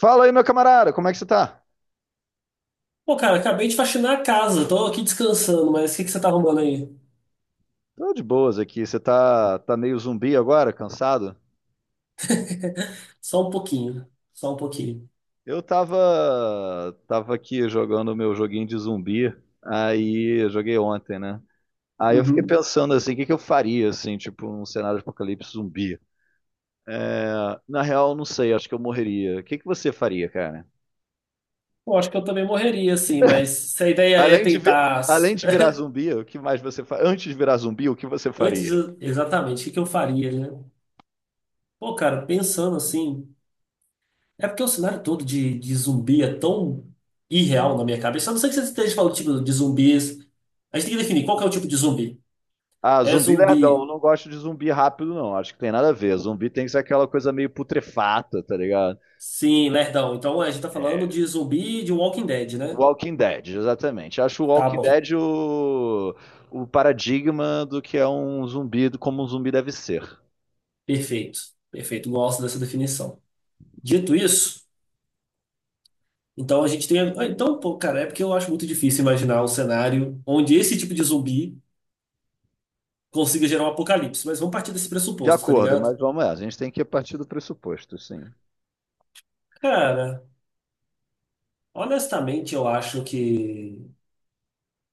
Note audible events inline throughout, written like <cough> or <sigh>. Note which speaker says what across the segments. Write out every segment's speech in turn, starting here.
Speaker 1: Fala aí, meu camarada, como é que você tá?
Speaker 2: Pô, cara, acabei de faxinar a casa, tô aqui descansando, mas o que que você tá arrumando aí?
Speaker 1: Tô de boas aqui. Você tá meio zumbi agora, cansado?
Speaker 2: <laughs> Só um pouquinho, só um pouquinho.
Speaker 1: Eu tava, tava aqui jogando meu joguinho de zumbi. Aí, eu joguei ontem, né? Aí eu fiquei
Speaker 2: Uhum.
Speaker 1: pensando assim, o que que eu faria, assim, tipo, um cenário de apocalipse zumbi? É, na real, não sei, acho que eu morreria. O que que você faria, cara?
Speaker 2: Pô, acho que eu também morreria, assim, mas se a ideia é
Speaker 1: Além de, vi-
Speaker 2: tentar.
Speaker 1: Além de virar
Speaker 2: <laughs>
Speaker 1: zumbi, o que mais você faria? Antes de virar zumbi, o que você
Speaker 2: Antes,
Speaker 1: faria?
Speaker 2: exatamente, o que que eu faria, né? Pô, cara, pensando assim. É porque o cenário todo de zumbi é tão irreal na minha cabeça. A não ser que você esteja falando, tipo, de zumbis. A gente tem que definir qual que é o tipo de zumbi.
Speaker 1: Ah,
Speaker 2: É
Speaker 1: zumbi lerdão.
Speaker 2: zumbi,
Speaker 1: Eu não gosto de zumbi rápido, não. Acho que tem nada a ver. Zumbi tem que ser aquela coisa meio putrefata, tá ligado?
Speaker 2: sim, lerdão. Então a gente tá falando
Speaker 1: É.
Speaker 2: de zumbi de Walking Dead, né?
Speaker 1: Walking Dead, exatamente. Acho o
Speaker 2: Tá
Speaker 1: Walking
Speaker 2: bom.
Speaker 1: Dead o paradigma do que é um zumbi, do como um zumbi deve ser.
Speaker 2: Perfeito, perfeito. Gosto dessa definição. Dito isso, então a gente tem. Então, pô, cara, é porque eu acho muito difícil imaginar um cenário onde esse tipo de zumbi consiga gerar um apocalipse, mas vamos partir desse
Speaker 1: De
Speaker 2: pressuposto, tá
Speaker 1: acordo, mas
Speaker 2: ligado?
Speaker 1: vamos lá. A gente tem que partir do pressuposto, sim.
Speaker 2: Cara, honestamente, eu acho que.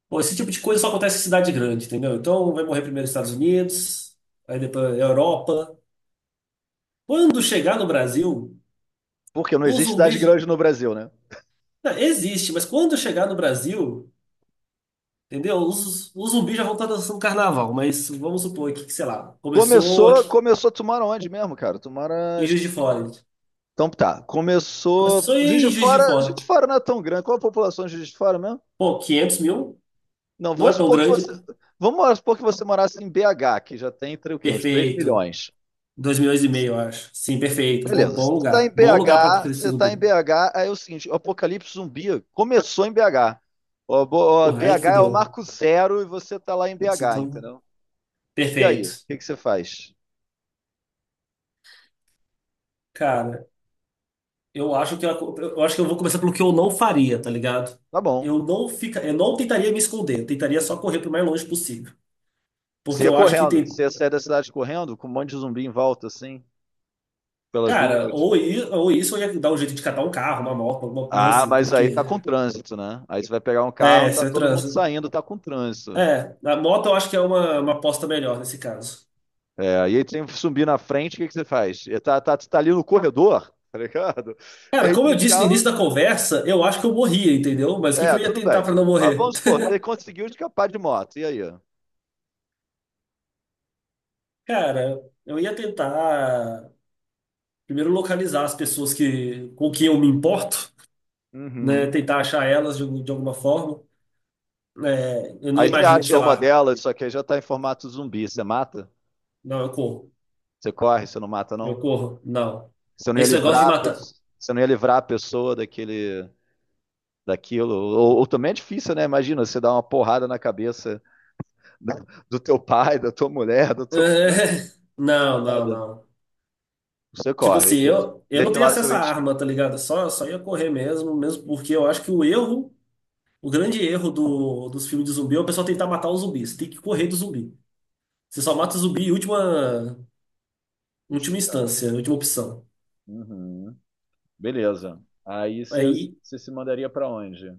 Speaker 2: Pô, esse tipo de coisa só acontece em cidade grande, entendeu? Então vai morrer primeiro nos Estados Unidos, aí depois Europa. Quando chegar no Brasil,
Speaker 1: Porque não
Speaker 2: o
Speaker 1: existe cidade
Speaker 2: zumbi.
Speaker 1: grande no Brasil, né?
Speaker 2: Não, existe, mas quando chegar no Brasil. Entendeu? Os zumbis já vão estar dançando carnaval, mas vamos supor aqui que, sei lá, começou
Speaker 1: Começou,
Speaker 2: aqui
Speaker 1: começou, tu mora onde mesmo, cara? Tu mora,
Speaker 2: em Juiz de
Speaker 1: esqueci.
Speaker 2: Fora.
Speaker 1: Então tá,
Speaker 2: Começou
Speaker 1: começou,
Speaker 2: em Juiz de
Speaker 1: Juiz
Speaker 2: Fora.
Speaker 1: de Fora não é tão grande, qual a população de Juiz de Fora mesmo?
Speaker 2: Pô, 500 mil?
Speaker 1: Não,
Speaker 2: Não é
Speaker 1: vamos
Speaker 2: tão
Speaker 1: supor que você.
Speaker 2: grande?
Speaker 1: Vamos supor que você morasse em BH, que já tem entre o quê? Uns 3
Speaker 2: Perfeito.
Speaker 1: milhões.
Speaker 2: 2 milhões e meio, eu acho. Sim, perfeito. Bom,
Speaker 1: Beleza.
Speaker 2: bom
Speaker 1: Você está
Speaker 2: lugar.
Speaker 1: em
Speaker 2: Bom lugar para
Speaker 1: BH,
Speaker 2: apocalipse
Speaker 1: Você está em
Speaker 2: zumbi.
Speaker 1: BH, aí é o seguinte, o Apocalipse Zumbi começou em BH. O
Speaker 2: Porra, aí
Speaker 1: BH é o
Speaker 2: fudeu.
Speaker 1: marco zero e você está lá em
Speaker 2: Isso
Speaker 1: BH,
Speaker 2: então,
Speaker 1: entendeu? E aí, o
Speaker 2: perfeito.
Speaker 1: que que você faz?
Speaker 2: Cara, eu acho que eu, eu acho que eu vou começar pelo que eu não faria, tá ligado?
Speaker 1: Tá bom.
Speaker 2: Eu não tentaria me esconder, eu tentaria só correr pro mais longe possível.
Speaker 1: Você
Speaker 2: Porque
Speaker 1: ia
Speaker 2: eu acho que.
Speaker 1: correndo. Você ia sair da cidade correndo com um monte de zumbi em volta, assim, pelas
Speaker 2: Cara,
Speaker 1: ruas.
Speaker 2: ou isso, ou ia dar um jeito de catar um carro, uma moto, alguma coisa
Speaker 1: Ah,
Speaker 2: assim,
Speaker 1: mas aí
Speaker 2: porque.
Speaker 1: tá com trânsito, né? Aí você vai pegar um carro,
Speaker 2: É,
Speaker 1: tá
Speaker 2: você
Speaker 1: todo mundo
Speaker 2: transa.
Speaker 1: saindo, tá com trânsito.
Speaker 2: É, a moto eu acho que é uma aposta melhor nesse caso.
Speaker 1: É, e aí tem que subir na frente, o que, que você faz? Tá ali no corredor, <laughs> tá ligado?
Speaker 2: Cara, como
Speaker 1: Entre
Speaker 2: eu
Speaker 1: os
Speaker 2: disse no
Speaker 1: carros,
Speaker 2: início da conversa, eu acho que eu morria, entendeu? Mas o que que
Speaker 1: é,
Speaker 2: eu ia
Speaker 1: tudo
Speaker 2: tentar
Speaker 1: bem.
Speaker 2: pra não
Speaker 1: Mas
Speaker 2: morrer?
Speaker 1: vamos supor, você conseguiu escapar de moto, e aí?
Speaker 2: <laughs> Cara, eu ia tentar primeiro localizar as pessoas que, com quem eu me importo,
Speaker 1: Uhum.
Speaker 2: né? Tentar achar elas de alguma forma. É, eu não
Speaker 1: Aí você
Speaker 2: imagino que,
Speaker 1: acha
Speaker 2: sei
Speaker 1: uma
Speaker 2: lá,
Speaker 1: delas, só que aí já tá em formato zumbi, você mata?
Speaker 2: não, eu corro.
Speaker 1: Você corre, você não mata,
Speaker 2: Eu
Speaker 1: não?
Speaker 2: corro, não.
Speaker 1: Você não ia
Speaker 2: Esse negócio de
Speaker 1: livrar a
Speaker 2: matar.
Speaker 1: pessoa, você não ia livrar a pessoa daquilo. Ou também é difícil, né? Imagina, você dá uma porrada na cabeça do, do teu pai, da tua mulher, do
Speaker 2: <laughs>
Speaker 1: teu...
Speaker 2: É,
Speaker 1: Foda.
Speaker 2: não.
Speaker 1: Você
Speaker 2: Tipo
Speaker 1: corre,
Speaker 2: assim,
Speaker 1: deixa,
Speaker 2: eu não
Speaker 1: deixa
Speaker 2: tenho
Speaker 1: lá seu
Speaker 2: acesso à
Speaker 1: ente.
Speaker 2: arma, tá ligado? Só ia correr mesmo, mesmo porque eu acho que o erro, o grande erro dos filmes de zumbi é o pessoal tentar matar os zumbis. Você tem que correr do zumbi. Você só mata o zumbi em última, última instância, última opção.
Speaker 1: Uhum. Beleza. Aí você
Speaker 2: Aí,
Speaker 1: se mandaria para onde?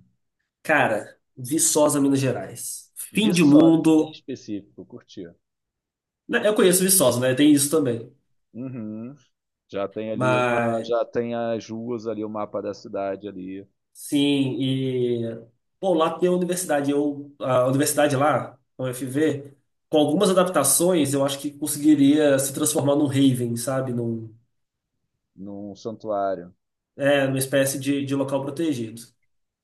Speaker 2: cara, Viçosa, Minas Gerais. Fim de
Speaker 1: Viçosa, bem
Speaker 2: mundo.
Speaker 1: específico, curtir.
Speaker 2: Né, eu conheço Viçosa, né? Tem isso também,
Speaker 1: Uhum. Já tem ali uma,
Speaker 2: mas
Speaker 1: já tem as ruas ali, o mapa da cidade ali,
Speaker 2: sim. E bom, lá tem a universidade, eu a universidade lá, a UFV, com algumas adaptações, eu acho que conseguiria se transformar num haven, sabe? Num,
Speaker 1: num santuário.
Speaker 2: é, numa espécie de local protegido.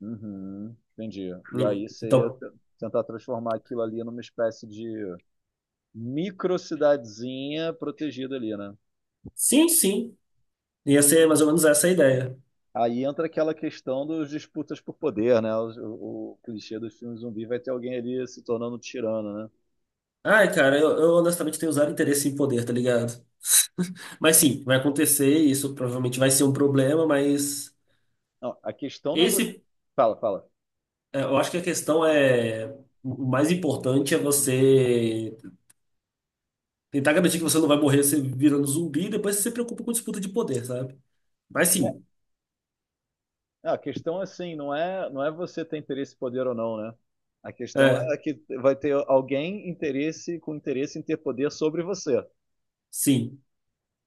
Speaker 1: Uhum. Entendi.
Speaker 2: Hum. Então,
Speaker 1: Tentar transformar aquilo ali numa espécie de micro cidadezinha protegida ali, né?
Speaker 2: sim, ia ser mais ou menos essa a ideia.
Speaker 1: Aí entra aquela questão dos disputas por poder, né? O clichê dos filmes zumbi vai ter alguém ali se tornando um tirano, né?
Speaker 2: Ai, cara, eu honestamente tenho zero interesse em poder, tá ligado? Mas sim, vai acontecer, isso provavelmente vai ser um problema, mas
Speaker 1: Não, a questão não é você.
Speaker 2: esse,
Speaker 1: Fala, fala.
Speaker 2: é, eu acho que a questão é, o mais importante é você tentar garantir que você não vai morrer se virando zumbi e depois você se preocupa com disputa de poder, sabe? Mas sim,
Speaker 1: Não, a questão assim, não é você ter interesse, poder ou não, né? A questão
Speaker 2: é,
Speaker 1: é que vai ter alguém interesse com interesse em ter poder sobre você.
Speaker 2: sim.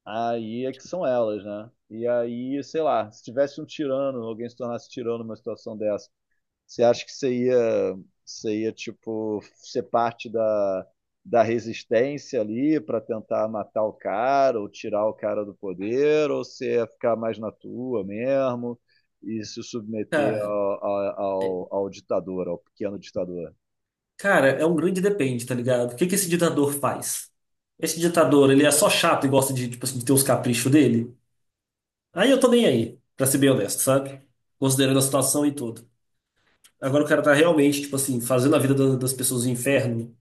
Speaker 1: Aí é que são elas, né? E aí, sei lá, se tivesse um tirano, alguém se tornasse tirano numa situação dessa. Você acha que você ia tipo, ser parte da resistência ali para tentar matar o cara ou tirar o cara do poder? Ou você ia ficar mais na tua mesmo e se submeter
Speaker 2: Cara,
Speaker 1: ao, ao,
Speaker 2: é,
Speaker 1: ao, ao ditador, ao pequeno ditador?
Speaker 2: cara, é um grande depende, tá ligado? O que que esse ditador faz? Esse ditador, ele é só chato e gosta de, tipo assim, de ter os caprichos dele? Aí eu tô nem aí, pra ser bem honesto, sabe? Considerando a situação e tudo. Agora o cara tá realmente, tipo assim, fazendo a vida das pessoas no inferno.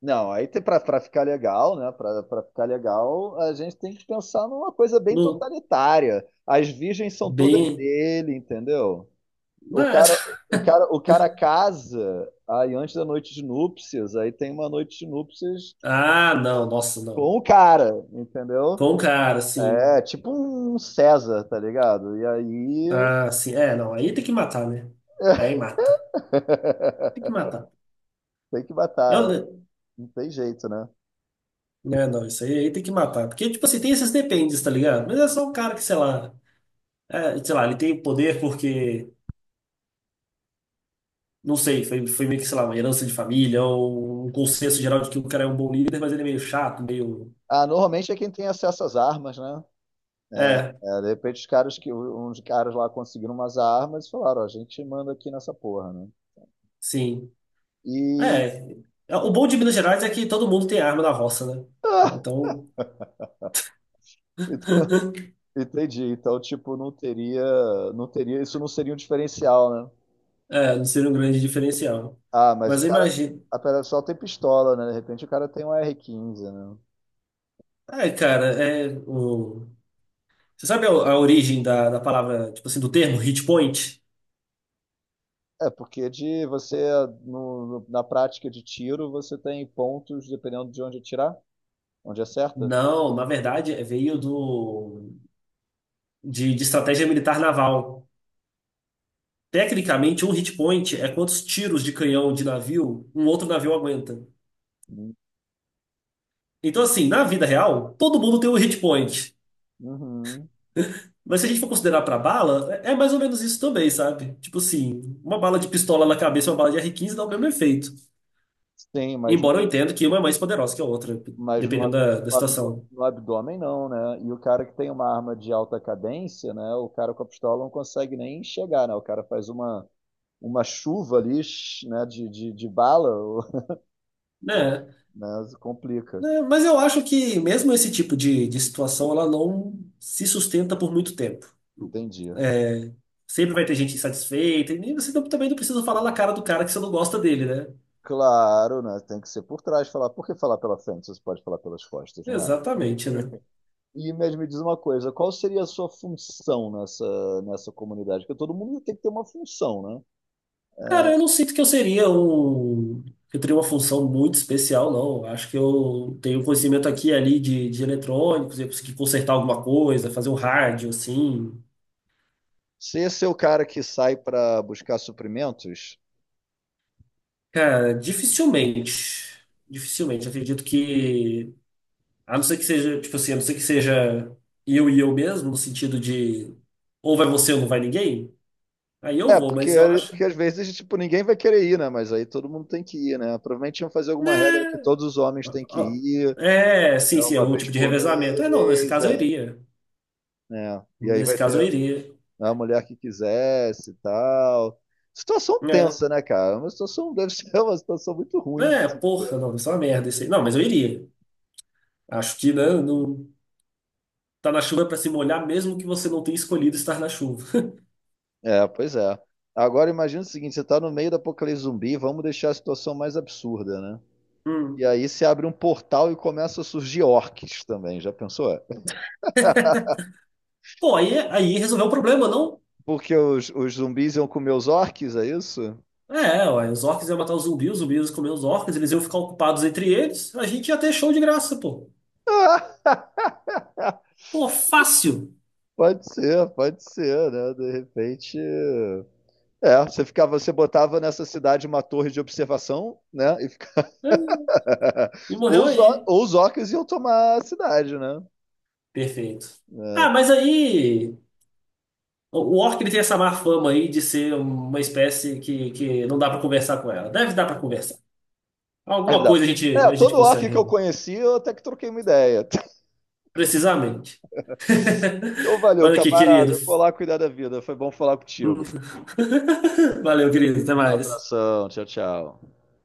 Speaker 1: Não, aí para ficar legal, né? Para ficar legal, a gente tem que pensar numa coisa bem
Speaker 2: No,
Speaker 1: totalitária. As virgens são todas
Speaker 2: bem.
Speaker 1: dele, entendeu? O cara,
Speaker 2: Ah,
Speaker 1: o cara casa aí antes da noite de núpcias, aí tem uma noite de núpcias
Speaker 2: <laughs> ah, não, nossa,
Speaker 1: com
Speaker 2: não.
Speaker 1: o cara, entendeu?
Speaker 2: Com o cara, assim.
Speaker 1: É tipo um César, tá ligado? E aí
Speaker 2: Ah, sim. É, não. Aí tem que matar, né? Aí mata.
Speaker 1: <laughs>
Speaker 2: Tem que matar.
Speaker 1: tem que
Speaker 2: Eu,
Speaker 1: matar,
Speaker 2: né?
Speaker 1: não tem jeito, né?
Speaker 2: Né, não, isso aí, aí tem que matar. Porque, tipo assim, tem esses dependes, tá ligado? Mas é só um cara que, sei lá. É, sei lá, ele tem poder porque. Não sei, foi meio que, sei lá, uma herança de família ou um consenso geral de que o cara é um bom líder, mas ele é meio chato, meio.
Speaker 1: Ah, normalmente é quem tem acesso às armas, né?
Speaker 2: É,
Speaker 1: É, de repente os caras que uns caras lá conseguiram umas armas e falaram, ó, a gente manda aqui nessa porra, né?
Speaker 2: sim.
Speaker 1: E
Speaker 2: É, é. O bom de Minas Gerais é que todo mundo tem arma na roça, né?
Speaker 1: <laughs> ah,
Speaker 2: Então,
Speaker 1: ent-
Speaker 2: <laughs>
Speaker 1: entendi. Então, tipo, não teria, isso não seria um diferencial, né?
Speaker 2: é, não seria um grande diferencial.
Speaker 1: Ah, mas o
Speaker 2: Mas eu
Speaker 1: cara.
Speaker 2: imagino.
Speaker 1: A pedra sol tem pistola, né? De repente o cara tem um R15, né?
Speaker 2: É, cara, é. O... Você sabe a origem da palavra, tipo assim, do termo hit point?
Speaker 1: É, porque de na prática de tiro, você tem pontos dependendo de onde atirar, onde acerta.
Speaker 2: Não, na verdade, veio de estratégia militar naval. Tecnicamente, um hit point é quantos tiros de canhão de navio um outro navio aguenta. Então, assim, na vida real, todo mundo tem um hit point.
Speaker 1: Uhum.
Speaker 2: Mas se a gente for considerar pra bala, é, é mais ou menos isso também, sabe? Tipo assim, uma bala de pistola na cabeça e uma bala de r quinze dá o mesmo efeito.
Speaker 1: Sim, mas, no-
Speaker 2: Embora eu entenda que uma é mais poderosa que a outra,
Speaker 1: mas no,
Speaker 2: dependendo
Speaker 1: ab-
Speaker 2: da situação.
Speaker 1: no abdômen não, né? E o cara que tem uma arma de alta cadência, né? O cara com a pistola não consegue nem chegar, né? O cara faz uma chuva ali, né? De bala, <laughs> o-
Speaker 2: Né?
Speaker 1: né? Complica.
Speaker 2: Né, mas eu acho que mesmo esse tipo de situação, ela não se sustenta por muito tempo.
Speaker 1: Entendi.
Speaker 2: É, sempre vai ter gente insatisfeita, e você também não precisa falar na cara do cara que você não gosta dele, né?
Speaker 1: Claro, né? Tem que ser por trás falar. Por que falar pela frente? Você pode falar pelas costas, não é?
Speaker 2: Exatamente, né?
Speaker 1: E mesmo me diz uma coisa, qual seria a sua função nessa comunidade? Porque todo mundo tem que ter uma função, né?
Speaker 2: Cara, eu não sinto que eu seria um. Que Eu teria uma função muito especial, não. Eu acho que eu tenho um conhecimento aqui e ali de eletrônicos, eu consegui consertar alguma coisa, fazer um rádio, assim.
Speaker 1: Se esse é o cara que sai para buscar suprimentos,
Speaker 2: Cara, dificilmente. Dificilmente. Acredito que. A não ser que seja eu e eu mesmo, no sentido de ou vai você ou não vai ninguém, aí eu
Speaker 1: é,
Speaker 2: vou, mas eu acho.
Speaker 1: porque às vezes, tipo, ninguém vai querer ir, né? Mas aí todo mundo tem que ir, né? Provavelmente iam fazer alguma regra que
Speaker 2: Né?
Speaker 1: todos os homens têm que
Speaker 2: Ó,
Speaker 1: ir,
Speaker 2: é,
Speaker 1: é,
Speaker 2: sim, sim, é
Speaker 1: uma
Speaker 2: um
Speaker 1: vez
Speaker 2: tipo de
Speaker 1: por
Speaker 2: revezamento. É, não, nesse
Speaker 1: mês,
Speaker 2: caso eu
Speaker 1: é,
Speaker 2: iria.
Speaker 1: né? E aí
Speaker 2: Nesse
Speaker 1: vai
Speaker 2: caso
Speaker 1: ter
Speaker 2: eu iria.
Speaker 1: né, a mulher que quisesse e tal. Situação
Speaker 2: É,
Speaker 1: tensa, né, cara? Uma situação deve ser <laughs> uma situação muito ruim. De
Speaker 2: é
Speaker 1: se-
Speaker 2: porra, não, isso é uma merda isso aí. Não, mas eu iria. Acho que né, não, tá na chuva é pra se molhar, mesmo que você não tenha escolhido estar na chuva. <laughs>
Speaker 1: É, pois é. Agora imagina o seguinte, você está no meio da apocalipse zumbi, vamos deixar a situação mais absurda, né? E
Speaker 2: Hum.
Speaker 1: aí se abre um portal e começa a surgir orques também, já pensou? É.
Speaker 2: Pô, aí, aí resolveu o problema, não?
Speaker 1: Porque os zumbis iam comer os orques, é isso?
Speaker 2: É, ué, os orcs iam matar os zumbis iam comer os orcs, eles iam ficar ocupados entre eles, a gente ia ter show de graça, pô.
Speaker 1: <laughs>
Speaker 2: Pô, fácil.
Speaker 1: Pode ser, né? De repente. É, você ficava, você botava nessa cidade uma torre de observação, né? E
Speaker 2: É, e
Speaker 1: <laughs>
Speaker 2: morreu aí.
Speaker 1: Ou os orcs iam tomar a cidade, né?
Speaker 2: Perfeito. Ah,
Speaker 1: É,
Speaker 2: mas aí o orc ele tem essa má fama aí de ser uma espécie que não dá pra conversar com ela. Deve dar pra conversar.
Speaker 1: é
Speaker 2: Alguma
Speaker 1: verdade.
Speaker 2: coisa
Speaker 1: É,
Speaker 2: a gente
Speaker 1: todo orc
Speaker 2: consegue,
Speaker 1: que eu
Speaker 2: né?
Speaker 1: conheci, eu até que troquei uma ideia. <laughs>
Speaker 2: Precisamente.
Speaker 1: Então,
Speaker 2: <laughs>
Speaker 1: valeu,
Speaker 2: Mas aqui, querido.
Speaker 1: camarada. Eu vou lá cuidar da vida. Foi bom falar contigo.
Speaker 2: <laughs> Valeu, querido. Até mais.
Speaker 1: Abração, tchau, tchau.